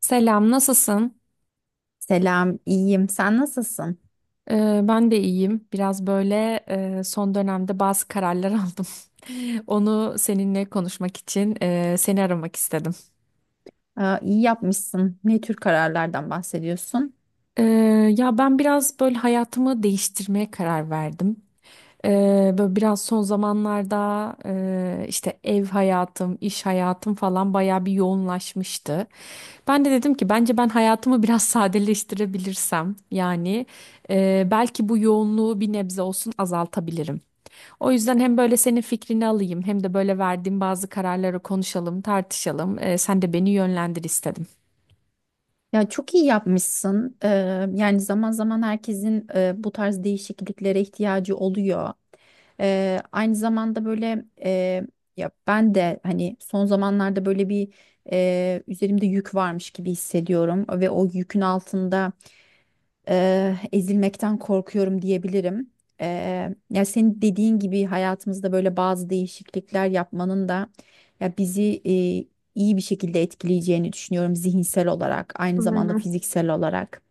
Selam, nasılsın? Selam, iyiyim. Sen nasılsın? Ben de iyiyim. Biraz böyle, son dönemde bazı kararlar aldım. Onu seninle konuşmak için seni aramak istedim. Aa, iyi yapmışsın. Ne tür kararlardan bahsediyorsun? Ee, Ya ben biraz böyle hayatımı değiştirmeye karar verdim. Böyle biraz son zamanlarda, işte ev hayatım, iş hayatım falan bayağı bir yoğunlaşmıştı. Ben de dedim ki bence ben hayatımı biraz sadeleştirebilirsem, yani belki bu yoğunluğu bir nebze olsun azaltabilirim. O yüzden hem böyle senin fikrini alayım hem de böyle verdiğim bazı kararları konuşalım, tartışalım. Sen de beni yönlendir istedim. Ya çok iyi yapmışsın. Yani zaman zaman herkesin bu tarz değişikliklere ihtiyacı oluyor. Aynı zamanda böyle ya ben de hani son zamanlarda böyle bir üzerimde yük varmış gibi hissediyorum ve o yükün altında ezilmekten korkuyorum diyebilirim. Ya senin dediğin gibi hayatımızda böyle bazı değişiklikler yapmanın da ya bizi iyi bir şekilde etkileyeceğini düşünüyorum zihinsel olarak, aynı zamanda fiziksel olarak.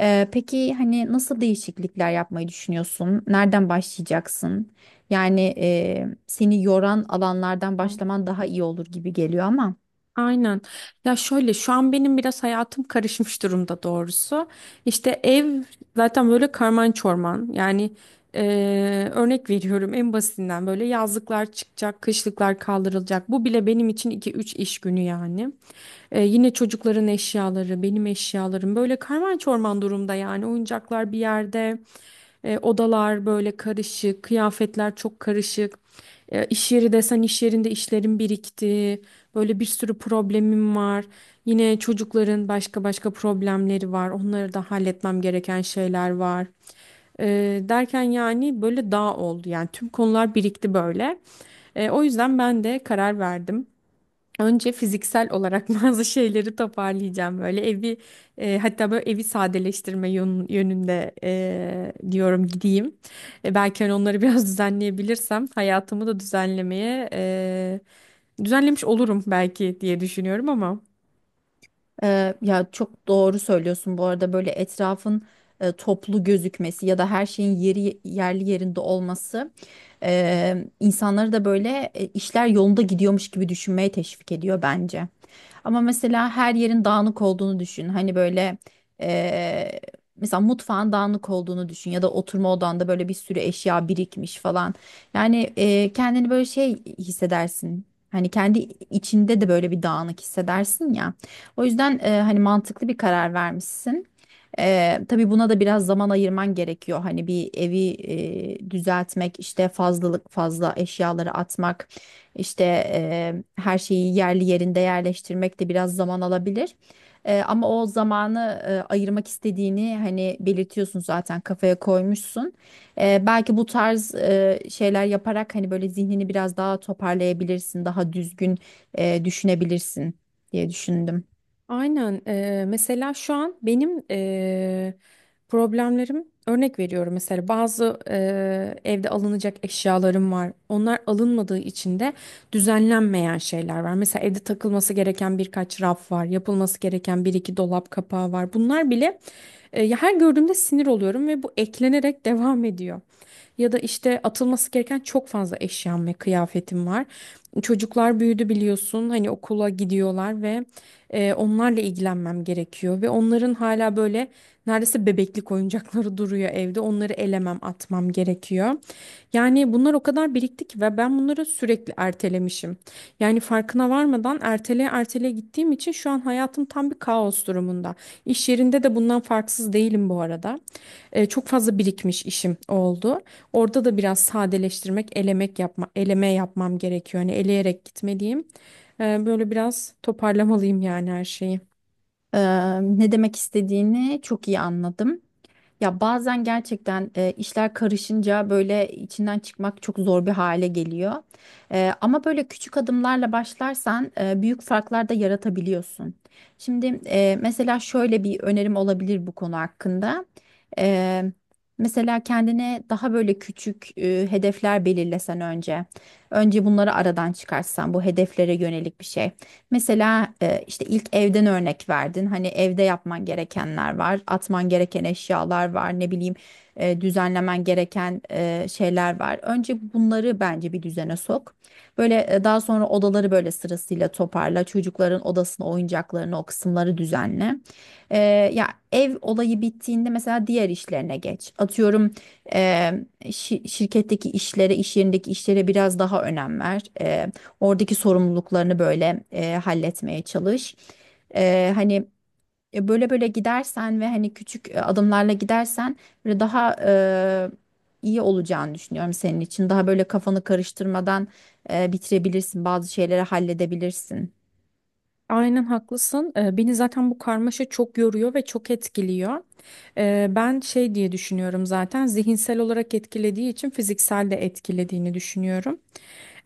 Peki hani nasıl değişiklikler yapmayı düşünüyorsun? Nereden başlayacaksın? Yani seni yoran alanlardan Tamam. başlaman daha iyi olur gibi geliyor ama. Aynen. Ya şöyle şu an benim biraz hayatım karışmış durumda doğrusu. İşte ev zaten böyle karman çorman. Yani örnek veriyorum en basitinden, böyle yazlıklar çıkacak, kışlıklar kaldırılacak. Bu bile benim için iki üç iş günü yani. Yine çocukların eşyaları, benim eşyalarım böyle karman çorman durumda, yani oyuncaklar bir yerde. Odalar böyle karışık, kıyafetler çok karışık. İş yeri desen, iş yerinde işlerin birikti. Böyle bir sürü problemim var. Yine çocukların başka başka problemleri var. Onları da halletmem gereken şeyler var. E, Derken, yani böyle dağ oldu. Yani tüm konular birikti böyle. O yüzden ben de karar verdim. Önce fiziksel olarak bazı şeyleri toparlayacağım, böyle evi, hatta böyle evi sadeleştirme yönünde, diyorum gideyim. Belki hani onları biraz düzenleyebilirsem, hayatımı da düzenlemiş olurum belki diye düşünüyorum ama. Ya çok doğru söylüyorsun. Bu arada böyle etrafın toplu gözükmesi ya da her şeyin yeri yerli yerinde olması insanları da böyle işler yolunda gidiyormuş gibi düşünmeye teşvik ediyor bence. Ama mesela her yerin dağınık olduğunu düşün. Hani böyle eee, mesela mutfağın dağınık olduğunu düşün ya da oturma odanda böyle bir sürü eşya birikmiş falan. Yani kendini böyle şey hissedersin. Hani kendi içinde de böyle bir dağınık hissedersin ya. O yüzden hani mantıklı bir karar vermişsin. Tabii buna da biraz zaman ayırman gerekiyor. Hani bir evi düzeltmek, işte fazlalık fazla eşyaları atmak. İşte her şeyi yerli yerinde yerleştirmek de biraz zaman alabilir. Ama o zamanı ayırmak istediğini hani belirtiyorsun, zaten kafaya koymuşsun. Belki bu tarz şeyler yaparak hani böyle zihnini biraz daha toparlayabilirsin, daha düzgün düşünebilirsin diye düşündüm. Aynen. Mesela şu an benim problemlerim, örnek veriyorum, mesela bazı evde alınacak eşyalarım var. Onlar alınmadığı için de düzenlenmeyen şeyler var. Mesela evde takılması gereken birkaç raf var, yapılması gereken bir iki dolap kapağı var. Bunlar bile ya, her gördüğümde sinir oluyorum ve bu eklenerek devam ediyor, ya da işte atılması gereken çok fazla eşyam ve kıyafetim var. Çocuklar büyüdü biliyorsun, hani okula gidiyorlar ve onlarla ilgilenmem gerekiyor ve onların hala böyle neredeyse bebeklik oyuncakları duruyor evde, onları elemem atmam gerekiyor. Yani bunlar o kadar birikti ki ve ben bunları sürekli ertelemişim. Yani farkına varmadan erteleye erteleye gittiğim için şu an hayatım tam bir kaos durumunda. İş yerinde de bundan farksız değilim bu arada. Çok fazla birikmiş işim oldu. Orada da biraz sadeleştirmek, elemek yapma, eleme yapmam gerekiyor. Hani eleyerek gitmeliyim. Böyle biraz toparlamalıyım yani her şeyi. Eee, Ne demek istediğini çok iyi anladım. Ya bazen gerçekten işler karışınca böyle içinden çıkmak çok zor bir hale geliyor. Ama böyle küçük adımlarla başlarsan büyük farklar da yaratabiliyorsun. Şimdi mesela şöyle bir önerim olabilir bu konu hakkında. E, Mesela kendine daha böyle küçük hedefler belirlesen önce. Önce bunları aradan çıkarsan bu hedeflere yönelik bir şey. Mesela işte ilk evden örnek verdin. Hani evde yapman gerekenler var, atman gereken eşyalar var, ne bileyim düzenlemen gereken şeyler var. Önce bunları bence bir düzene sok. Böyle daha sonra odaları böyle sırasıyla toparla. Çocukların odasını, oyuncaklarını, o kısımları düzenle. E, Ya ev olayı bittiğinde mesela diğer işlerine geç. Atıyorum, e, şi- şirketteki işlere, iş yerindeki işlere biraz daha önem ver. Oradaki sorumluluklarını böyle halletmeye çalış. Hani böyle böyle gidersen ve hani küçük adımlarla gidersen böyle daha iyi olacağını düşünüyorum senin için. Daha böyle kafanı karıştırmadan bitirebilirsin, bazı şeyleri halledebilirsin. Aynen haklısın. Beni zaten bu karmaşa çok yoruyor ve çok etkiliyor. Ben şey diye düşünüyorum, zaten zihinsel olarak etkilediği için fiziksel de etkilediğini düşünüyorum.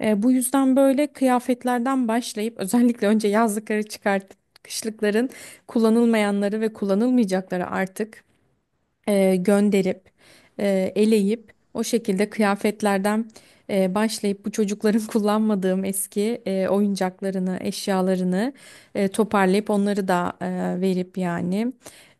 Bu yüzden böyle kıyafetlerden başlayıp özellikle önce yazlıkları çıkartıp kışlıkların kullanılmayanları ve kullanılmayacakları artık, gönderip eleyip o şekilde kıyafetlerden başlayıp bu çocukların kullanmadığım eski oyuncaklarını, eşyalarını toparlayıp onları da verip, yani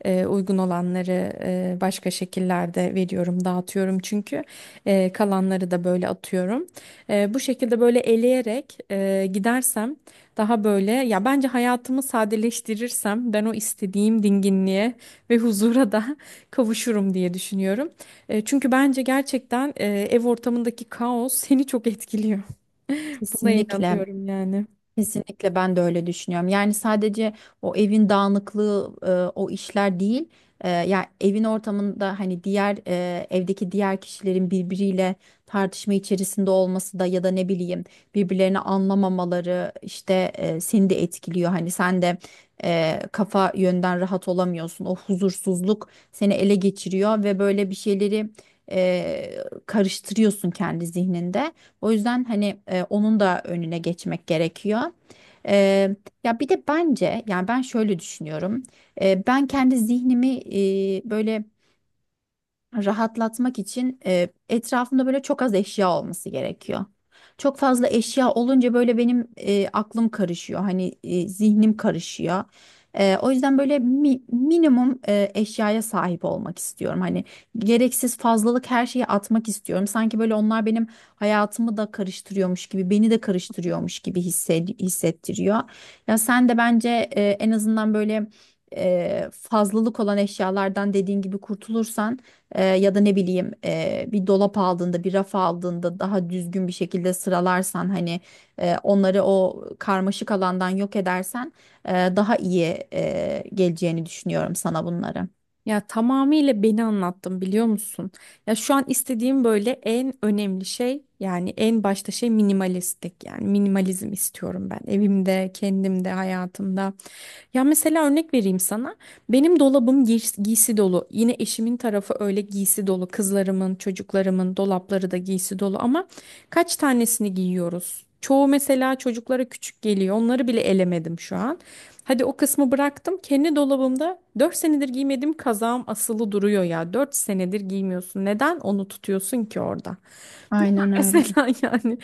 uygun olanları başka şekillerde veriyorum, dağıtıyorum çünkü kalanları da böyle atıyorum. Bu şekilde böyle eleyerek gidersem, daha böyle ya bence hayatımı sadeleştirirsem, ben o istediğim dinginliğe ve huzura da kavuşurum diye düşünüyorum. Çünkü bence gerçekten ev ortamındaki kaos seni çok etkiliyor. Buna Kesinlikle. inanıyorum yani. Kesinlikle ben de öyle düşünüyorum. Yani sadece o evin dağınıklığı, o işler değil. Yani evin ortamında hani diğer evdeki diğer kişilerin birbiriyle tartışma içerisinde olması da ya da ne bileyim birbirlerini anlamamaları işte seni de etkiliyor. Hani sen de kafa yönden rahat olamıyorsun. O huzursuzluk seni ele geçiriyor ve böyle bir şeyleri e, karıştırıyorsun kendi zihninde. O yüzden hani onun da önüne geçmek gerekiyor. E, Ya bir de bence yani ben şöyle düşünüyorum. Ben kendi zihnimi böyle rahatlatmak için etrafımda böyle çok az eşya olması gerekiyor. Çok fazla eşya olunca böyle benim aklım karışıyor. Hani zihnim karışıyor. O yüzden böyle minimum eşyaya sahip olmak istiyorum. Hani gereksiz fazlalık her şeyi atmak istiyorum. Sanki böyle onlar benim hayatımı da karıştırıyormuş gibi, beni de karıştırıyormuş gibi hissettiriyor. Ya sen de bence en azından böyle fazlalık olan eşyalardan dediğin gibi kurtulursan, ya da ne bileyim, bir dolap aldığında bir raf aldığında daha düzgün bir şekilde sıralarsan, hani onları o karmaşık alandan yok edersen, daha iyi geleceğini düşünüyorum sana bunları. Ya tamamıyla beni anlattın, biliyor musun? Ya şu an istediğim böyle en önemli şey, yani en başta şey, minimalistik, yani minimalizm istiyorum ben evimde, kendimde, hayatımda. Ya mesela örnek vereyim sana. Benim dolabım giysi dolu. Yine eşimin tarafı öyle giysi dolu. Kızlarımın, çocuklarımın dolapları da giysi dolu, ama kaç tanesini giyiyoruz? Çoğu mesela çocuklara küçük geliyor. Onları bile elemedim şu an. Hadi o kısmı bıraktım. Kendi dolabımda 4 senedir giymediğim kazağım asılı duruyor ya. 4 senedir giymiyorsun. Neden onu tutuyorsun ki orada? Aynen öyle. Mesela yani,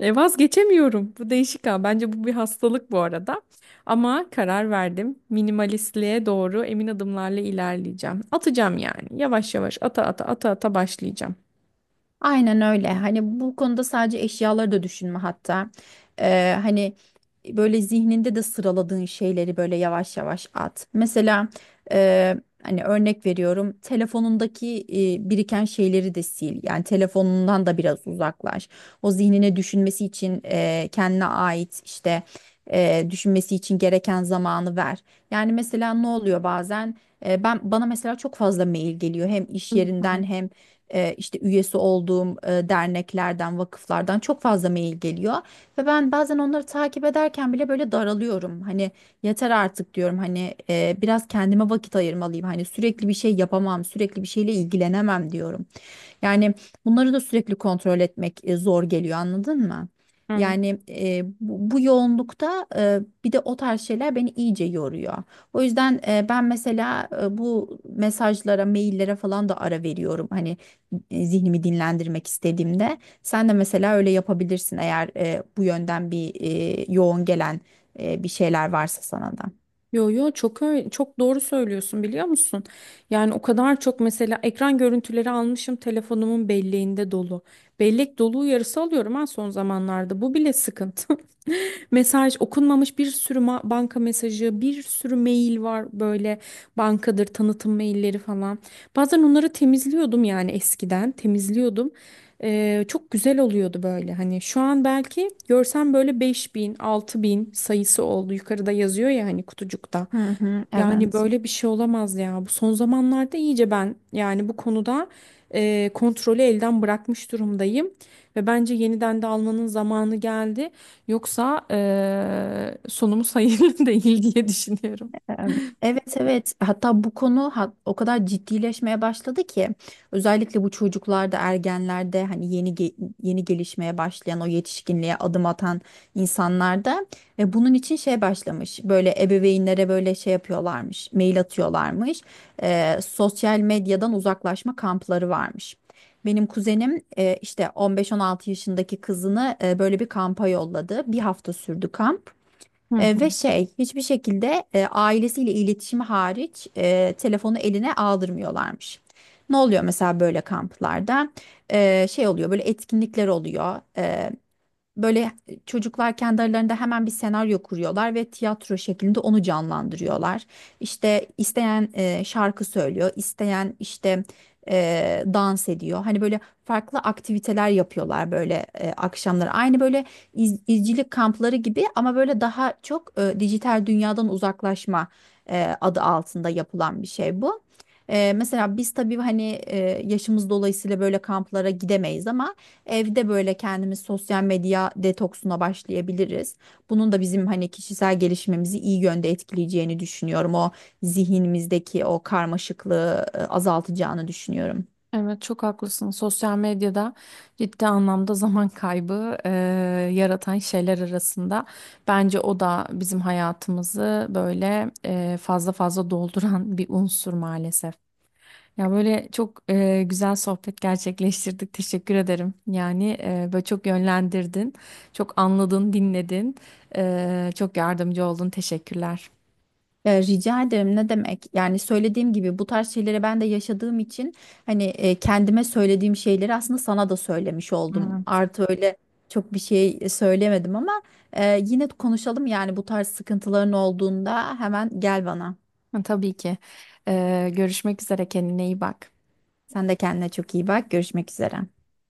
vazgeçemiyorum. Bu değişik ha. Bence bu bir hastalık bu arada. Ama karar verdim. Minimalistliğe doğru emin adımlarla ilerleyeceğim. Atacağım yani. Yavaş yavaş ata ata ata ata başlayacağım. Aynen öyle. Hani bu konuda sadece eşyaları da düşünme hatta. Hani böyle zihninde de sıraladığın şeyleri böyle yavaş yavaş at. Mesela e, hani örnek veriyorum, telefonundaki biriken şeyleri de sil. Yani telefonundan da biraz uzaklaş. O zihnine düşünmesi için kendine ait işte düşünmesi için gereken zamanı ver. Yani mesela ne oluyor bazen? Ben bana mesela çok fazla mail geliyor hem iş Hı hı. yerinden hem işte üyesi olduğum derneklerden, vakıflardan çok fazla mail geliyor ve ben bazen onları takip ederken bile böyle daralıyorum. Hani yeter artık diyorum, hani biraz kendime vakit ayırmalıyım. Hani sürekli bir şey yapamam, sürekli bir şeyle ilgilenemem diyorum. Yani bunları da sürekli kontrol etmek zor geliyor, anladın mı? Evet. Yani bu yoğunlukta bir de o tarz şeyler beni iyice yoruyor. O yüzden ben mesela bu mesajlara, maillere falan da ara veriyorum. Hani zihnimi dinlendirmek istediğimde sen de mesela öyle yapabilirsin, eğer bu yönden bir yoğun gelen bir şeyler varsa sana da. Yo yo, çok öyle, çok doğru söylüyorsun, biliyor musun? Yani o kadar çok mesela ekran görüntüleri almışım, telefonumun belleğinde dolu. Bellek dolu uyarısı alıyorum ha son zamanlarda. Bu bile sıkıntı. Mesaj okunmamış bir sürü banka mesajı, bir sürü mail var, böyle bankadır tanıtım mailleri falan. Bazen onları temizliyordum, yani eskiden temizliyordum. Çok güzel oluyordu, böyle hani şu an belki görsem, böyle 5000 bin sayısı oldu yukarıda, yazıyor ya hani kutucukta. Hı hı, Yani evet. böyle bir şey olamaz ya. Bu son zamanlarda iyice ben yani bu konuda kontrolü elden bırakmış durumdayım. Ve bence yeniden de almanın zamanı geldi. Yoksa sonumuz hayırlı değil diye düşünüyorum. Em, Evet, evet, hatta bu konu o kadar ciddileşmeye başladı ki özellikle bu çocuklarda, ergenlerde, hani yeni gelişmeye başlayan, o yetişkinliğe adım atan insanlarda. Ve bunun için şey başlamış, böyle ebeveynlere böyle şey yapıyorlarmış, mail atıyorlarmış, sosyal medyadan uzaklaşma kampları varmış. Benim kuzenim işte 15-16 yaşındaki kızını böyle bir kampa yolladı. Bir hafta sürdü kamp. Ve şey, hiçbir şekilde ailesiyle iletişimi hariç telefonu eline aldırmıyorlarmış. Ne oluyor mesela böyle kamplarda? Şey oluyor, böyle etkinlikler oluyor. Böyle çocuklar kendi aralarında hemen bir senaryo kuruyorlar ve tiyatro şeklinde onu canlandırıyorlar. İşte isteyen şarkı söylüyor, isteyen işte dans ediyor. Hani böyle farklı aktiviteler yapıyorlar böyle akşamları. Aynı böyle izcilik kampları gibi, ama böyle daha çok dijital dünyadan uzaklaşma adı altında yapılan bir şey bu. Mesela biz tabii hani yaşımız dolayısıyla böyle kamplara gidemeyiz, ama evde böyle kendimiz sosyal medya detoksuna başlayabiliriz. Bunun da bizim hani kişisel gelişimimizi iyi yönde etkileyeceğini düşünüyorum. O zihnimizdeki o karmaşıklığı azaltacağını düşünüyorum. Evet, çok haklısın. Sosyal medyada ciddi anlamda zaman kaybı yaratan şeyler arasında, bence o da bizim hayatımızı böyle fazla fazla dolduran bir unsur maalesef. Ya böyle çok güzel sohbet gerçekleştirdik. Teşekkür ederim. Yani böyle çok yönlendirdin, çok anladın, dinledin, çok yardımcı oldun. Teşekkürler. Rica ederim, ne demek? Yani söylediğim gibi bu tarz şeyleri ben de yaşadığım için hani kendime söylediğim şeyleri aslında sana da söylemiş oldum. Evet. Artı öyle çok bir şey söylemedim ama yine konuşalım, yani bu tarz sıkıntıların olduğunda hemen gel bana. Ha, tabii ki. Görüşmek üzere. Kendine iyi bak. Sen de kendine çok iyi bak. Görüşmek üzere.